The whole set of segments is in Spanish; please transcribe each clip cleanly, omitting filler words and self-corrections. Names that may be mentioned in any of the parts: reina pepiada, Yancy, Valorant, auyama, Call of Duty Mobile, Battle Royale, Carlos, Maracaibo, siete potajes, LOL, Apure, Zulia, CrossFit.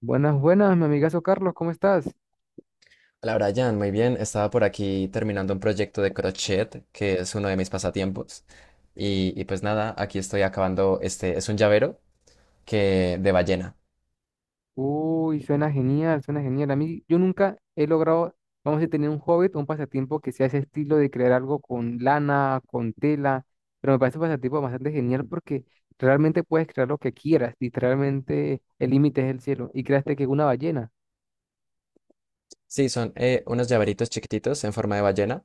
Buenas, buenas, mi amigazo Carlos, ¿cómo estás? Hola Brian, muy bien. Estaba por aquí terminando un proyecto de crochet, que es uno de mis pasatiempos. Y pues nada, aquí estoy acabando este, es un llavero que de ballena. Uy, suena genial, suena genial. A mí, yo nunca he logrado, vamos a decir, tener un hobby o un pasatiempo que sea ese estilo de crear algo con lana, con tela, pero me parece un pasatiempo bastante genial porque realmente puedes crear lo que quieras, literalmente el límite es el cielo. Y creaste que una ballena, Sí, son unos llaveritos chiquititos en forma de ballena.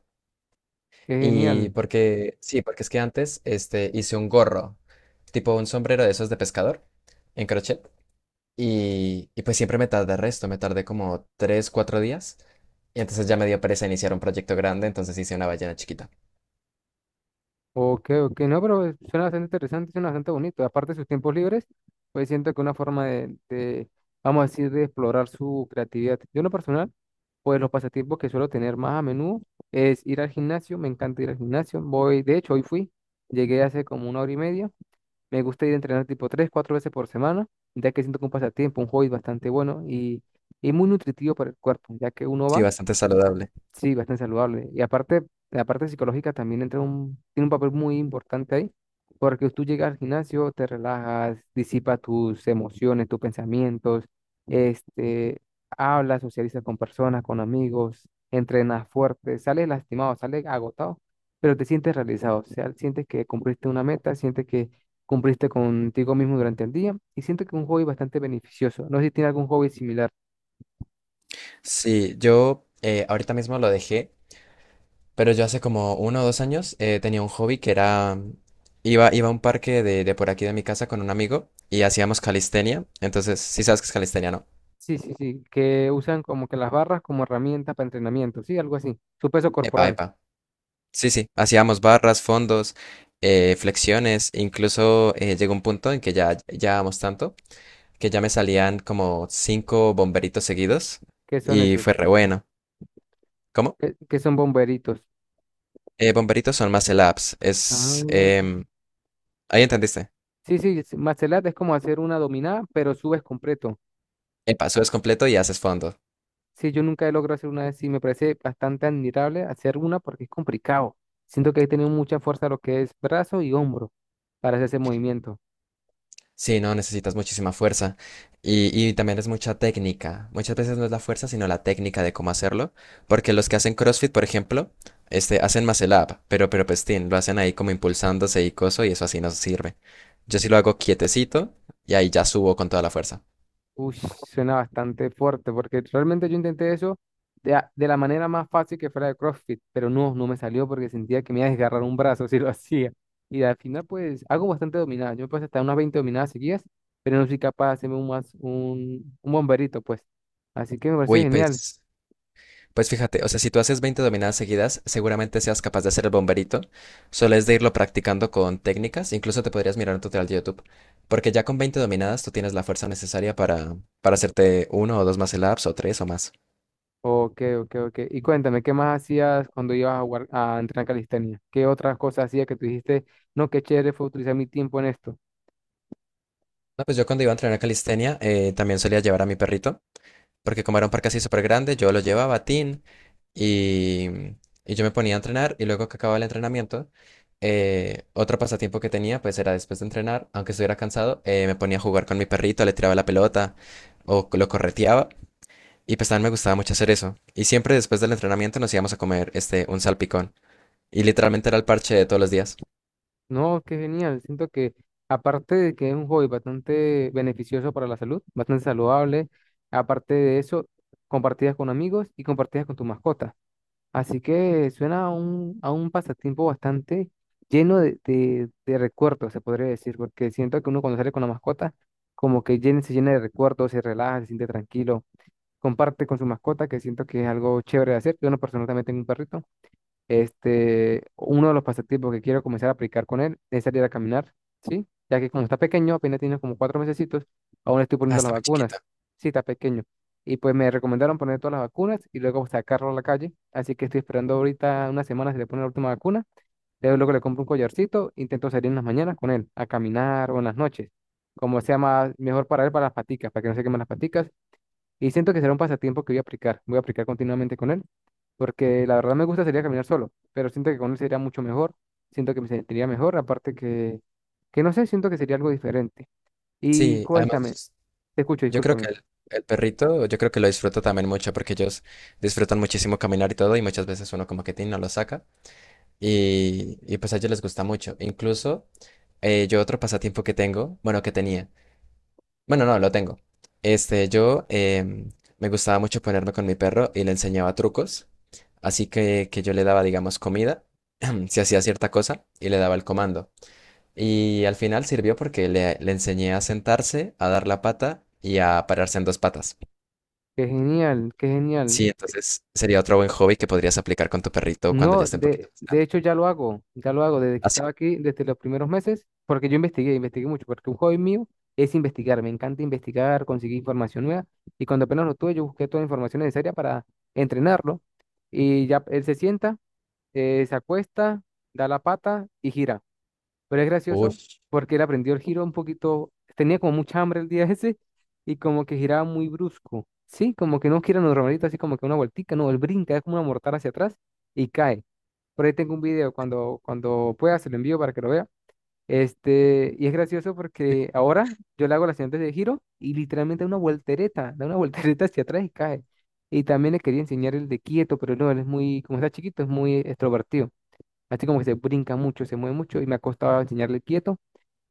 qué Y genial. porque, sí, porque es que antes este, hice un gorro, tipo un sombrero de esos de pescador, en crochet. Y pues siempre me tardé resto, me tardé como 3 4 días. Y entonces ya me dio pereza iniciar un proyecto grande, entonces hice una ballena chiquita. Ok, ok, no, pero suena bastante interesante, suena bastante bonito. Aparte de sus tiempos libres, pues siento que una forma vamos a decir, de explorar su creatividad. Yo en lo personal, pues los pasatiempos que suelo tener más a menudo es ir al gimnasio, me encanta ir al gimnasio. Voy, de hecho, hoy fui, llegué hace como una hora y media. Me gusta ir a entrenar tipo tres, cuatro veces por semana, ya que siento que un pasatiempo, un hobby bastante bueno y muy nutritivo para el cuerpo, ya que uno Sí, va. bastante saludable. Sí, bastante saludable. Y aparte, la parte psicológica también entra un, tiene un papel muy importante ahí, porque tú llegas al gimnasio, te relajas, disipas tus emociones, tus pensamientos, este, hablas, socializas con personas, con amigos, entrenas fuerte, sales lastimado, sales agotado, pero te sientes realizado, o sea, sientes que cumpliste una meta, sientes que cumpliste contigo mismo durante el día y siento que es un hobby bastante beneficioso. No sé si tiene algún hobby similar. Sí, yo ahorita mismo lo dejé, pero yo hace como 1 o 2 años tenía un hobby que era, iba a un parque de por aquí de mi casa con un amigo y hacíamos calistenia. Entonces, sí sabes qué es calistenia, ¿no? Sí, sí, sí, que usan como que las barras como herramienta para entrenamiento, sí, algo así. Su peso Epa, corporal, epa. Sí, sí, hacíamos barras, fondos, flexiones, incluso llegó un punto en que ya llevábamos tanto que ya me salían como cinco bomberitos seguidos ¿qué son y fue esos? re bueno. ¿Cómo? ¿Qué, qué son bomberitos? Bomberitos son más ups, Ah. Ahí entendiste. Sí, sí, es- martial art es como hacer una dominada, pero subes completo. Epa, subes completo y haces fondo. Sí, yo nunca he logrado hacer una de sí, me parece bastante admirable hacer una porque es complicado. Siento que he tenido mucha fuerza lo que es brazo y hombro para hacer ese movimiento. Sí, no, necesitas muchísima fuerza. Y también es mucha técnica. Muchas veces no es la fuerza, sino la técnica de cómo hacerlo. Porque los que hacen CrossFit, por ejemplo, este, hacen muscle up, pero pestín, lo hacen ahí como impulsándose y coso, y eso así no sirve. Yo sí lo hago quietecito y ahí ya subo con toda la fuerza. Uy, suena bastante fuerte, porque realmente yo intenté eso de, a- de la manera más fácil que fuera de CrossFit, pero no, no me salió porque sentía que me iba a desgarrar un brazo si lo hacía. Y al final, pues, hago bastante dominadas. Yo me pasé hasta unas 20 dominadas seguidas, pero no soy capaz de hacerme un bomberito, pues. Así que me parece Uy, genial. pues. Pues fíjate, o sea, si tú haces 20 dominadas seguidas, seguramente seas capaz de hacer el bomberito. Solo es de irlo practicando con técnicas. Incluso te podrías mirar un tutorial de YouTube. Porque ya con 20 dominadas tú tienes la fuerza necesaria para, hacerte uno o dos más ups o tres o más. Ok, ok, ok. Y cuéntame, ¿qué más hacías cuando ibas a, guar- a entrenar calistenia? ¿Qué otras cosas hacías que tú dijiste, no, qué chévere fue utilizar mi tiempo en esto? No, pues yo cuando iba a entrenar calistenia también solía llevar a mi perrito. Porque como era un parque así súper grande, yo lo llevaba a tin. Y, y yo me ponía a entrenar y luego que acababa el entrenamiento, otro pasatiempo que tenía pues era después de entrenar, aunque estuviera cansado, me ponía a jugar con mi perrito, le tiraba la pelota o lo correteaba y pues también me gustaba mucho hacer eso. Y siempre después del entrenamiento nos íbamos a comer este un salpicón y literalmente era el parche de todos los días. No, qué genial. Siento que aparte de que es un hobby bastante beneficioso para la salud, bastante saludable, aparte de eso, compartidas con amigos y compartidas con tu mascota. Así que suena a un pasatiempo bastante lleno de recuerdos, se podría decir, porque siento que uno cuando sale con la mascota, como que llena, se llena de recuerdos, se relaja, se siente tranquilo, comparte con su mascota, que siento que es algo chévere de hacer. Yo en lo personal también tengo un perrito. Uno de los pasatiempos que quiero comenzar a aplicar con él es salir a caminar, ¿sí? Ya que como está pequeño, apenas tiene como 4 mesecitos, aún le estoy poniendo las Hasta muy vacunas. chiquita. Sí, está pequeño. Y pues me recomendaron poner todas las vacunas y luego sacarlo a la calle. Así que estoy esperando ahorita unas semanas si le pone la última vacuna. Luego, luego le compro un collarcito, intento salir en las mañanas con él, a caminar o en las noches, como sea más mejor para él, para las paticas, para que no se quemen las paticas y siento que será un pasatiempo que voy a aplicar continuamente con él, porque la verdad me gusta sería caminar solo, pero siento que con él sería mucho mejor, siento que me sentiría mejor, aparte que no sé, siento que sería algo diferente. Y Sí, cuéntame, además te escucho, yo creo que discúlpame. el, perrito, yo creo que lo disfruto también mucho porque ellos disfrutan muchísimo caminar y todo y muchas veces uno como que tiene no lo saca. Y pues a ellos les gusta mucho. Incluso yo otro pasatiempo que tengo, bueno, que tenía, bueno, no, lo tengo. Este, yo me gustaba mucho ponerme con mi perro y le enseñaba trucos, así que yo le daba, digamos, comida, si hacía cierta cosa, y le daba el comando. Y al final sirvió porque le enseñé a sentarse, a dar la pata y a pararse en dos patas. Qué genial, qué Sí, genial. entonces sería otro buen hobby que podrías aplicar con tu perrito cuando ya No, esté un poquito de, más de grande. hecho ya lo hago desde que ¿Así? estaba aquí, desde los primeros meses, porque yo investigué, investigué mucho, porque un hobby mío es investigar, me encanta investigar, conseguir información nueva, y cuando apenas lo tuve, yo busqué toda la información necesaria para entrenarlo, y ya él se sienta, se acuesta, da la pata y gira. Pero es Uy. gracioso porque él aprendió el giro un poquito, tenía como mucha hambre el día ese y como que giraba muy brusco. Sí, como que no gira normalito, así como que una vueltica, no, él brinca, es como una mortal hacia atrás y cae. Por ahí tengo un video, cuando, cuando pueda se lo envío para que lo vea. Y es gracioso porque ahora yo le hago las siguientes de giro y literalmente da una voltereta, da una voltereta hacia atrás y cae. Y también le quería enseñar el de quieto, pero no, él es muy, como está chiquito, es muy extrovertido. Así como que se brinca mucho, se mueve mucho y me ha costado enseñarle quieto.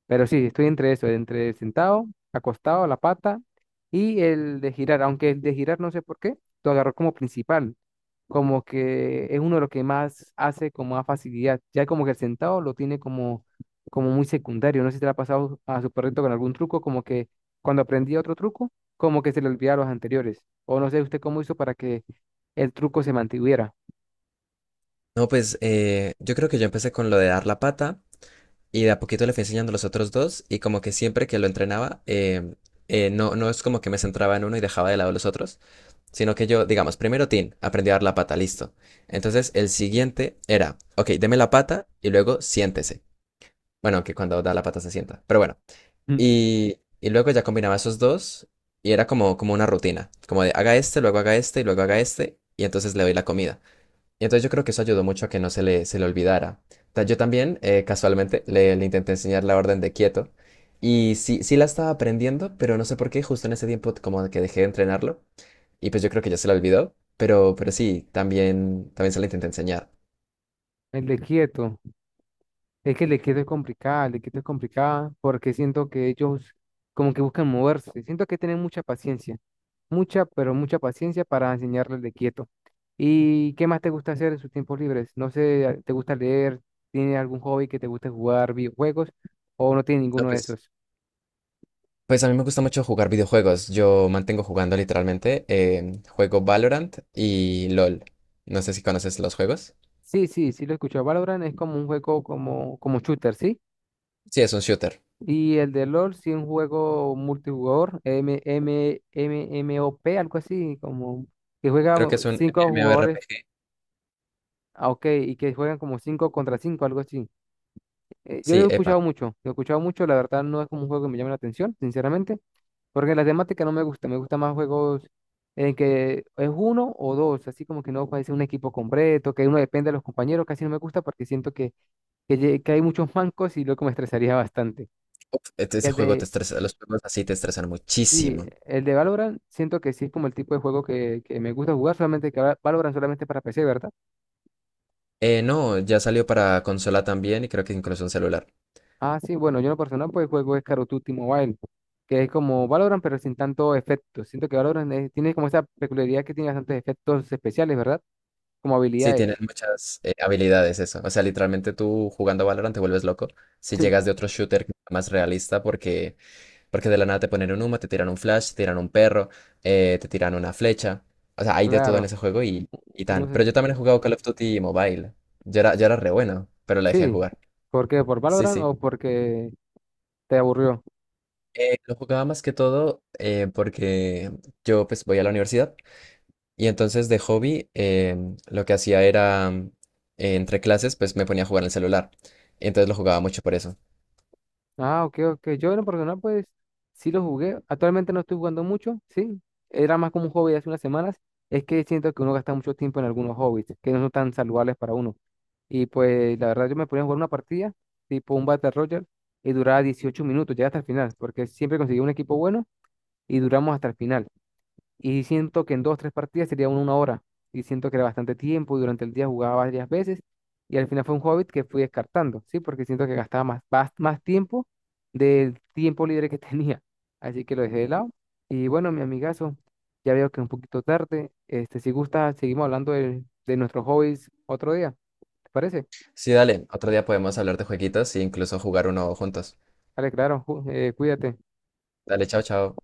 Pero sí, estoy entre eso, entre sentado, acostado, la pata y el de girar. Aunque el de girar no sé por qué, lo agarró como principal. Como que es uno de los que más hace con más facilidad. Ya como que el sentado lo tiene como, como muy secundario. No sé si te lo ha pasado a su perrito con algún truco, como que cuando aprendí otro truco, como que se le olvidaba los anteriores. O no sé usted cómo hizo para que el truco se mantuviera. No, pues yo creo que yo empecé con lo de dar la pata y de a poquito le fui enseñando los otros dos y como que siempre que lo entrenaba, no, no es como que me centraba en uno y dejaba de lado los otros, sino que yo, digamos, primero Tin, aprendí a dar la pata, listo. Entonces el siguiente era, ok, deme la pata y luego siéntese. Bueno, que cuando da la pata se sienta, pero bueno. Mm. Y luego ya combinaba esos dos y era como, como una rutina, como de haga este, luego haga este y luego haga este y entonces le doy la comida. Y entonces yo creo que eso ayudó mucho a que no se le, olvidara. Yo también, casualmente, le intenté enseñar la orden de quieto. Y sí, sí la estaba aprendiendo, pero no sé por qué, justo en ese tiempo como que dejé de entrenarlo. Y pues yo creo que ya se la olvidó. Pero sí, también se la intenté enseñar. El de quieto. Es que el equipo es complicado, el equipo es complicado porque siento que ellos como que buscan moverse. Siento que tienen mucha paciencia, mucha, pero mucha paciencia para enseñarles de quieto. ¿Y qué más te gusta hacer en sus tiempos libres? No sé, ¿te gusta leer? ¿Tiene algún hobby que te guste jugar videojuegos o no tiene No, ninguno de pues, esos? pues a mí me gusta mucho jugar videojuegos. Yo mantengo jugando literalmente. Juego Valorant y LOL. No sé si conoces los juegos. Sí, sí, sí lo he escuchado, Valorant es como un juego como, como shooter, ¿sí? Sí, es un shooter. Y el de LOL sí es un juego multijugador, MOP, algo así, como que juega Creo que es un 5 jugadores. MMORPG. Ah, ok, y que juegan como 5 contra 5, algo así. Yo lo he Sí, epa. escuchado mucho, lo he escuchado mucho, la verdad no es como un juego que me llame la atención, sinceramente, porque la temática no me gusta, me gusta más juegos en que es uno o dos, así como que no parece un equipo completo, que uno depende de los compañeros, casi no me gusta porque siento que, que hay muchos mancos y luego me estresaría bastante. Uf, Y ese el juego te de, estresa, los juegos así te estresan sí, muchísimo. el de Valorant, siento que sí es como el tipo de juego que me gusta jugar, solamente que ahora Valorant solamente para PC, ¿verdad? No, ya salió para consola también y creo que incluso un celular. Ah, sí, bueno, yo en lo personal pues juego es Call of Duty Mobile, que es como Valorant pero sin tanto efecto. Siento que Valorant es- tiene como esa peculiaridad que tiene bastantes efectos especiales, ¿verdad? Como Sí, habilidades. tienen muchas habilidades eso. O sea, literalmente tú jugando Valorant te vuelves loco. Si llegas de otro shooter más realista porque de la nada te ponen un humo, te tiran un flash, te tiran un perro, te tiran una flecha. O sea, hay de todo en Claro, ese juego y no tan. Pero sé. yo también he jugado Call of Duty Mobile. Yo era re bueno, pero la dejé de Sí, jugar. ¿por qué? ¿Por Sí, Valorant sí. o porque te aburrió? Lo jugaba más que todo porque yo pues voy a la universidad y entonces de hobby lo que hacía era entre clases pues me ponía a jugar en el celular. Entonces lo jugaba mucho por eso. Ah, ok, ok. Yo en lo personal, pues, sí lo jugué. Actualmente no estoy jugando mucho, sí. Era más como un hobby hace unas semanas. Es que siento que uno gasta mucho tiempo en algunos hobbies que no son tan saludables para uno. Y pues, la verdad, yo me ponía a jugar una partida, tipo un Battle Royale, y duraba 18 minutos, ya hasta el final, porque siempre conseguía un equipo bueno y duramos hasta el final. Y siento que en dos, tres partidas sería una hora. Y siento que era bastante tiempo y durante el día jugaba varias veces. Y al final fue un hobbit que fui descartando, ¿sí? Porque siento que gastaba más, más, más tiempo del tiempo libre que tenía. Así que lo dejé de lado. Y bueno, mi amigazo, ya veo que es un poquito tarde. Si gusta, seguimos hablando de nuestros hobbies otro día. ¿Te parece? Sí, dale, otro día podemos hablar de jueguitos e incluso jugar uno juntos. Vale, claro, ju- cuídate. Dale, chao, chao.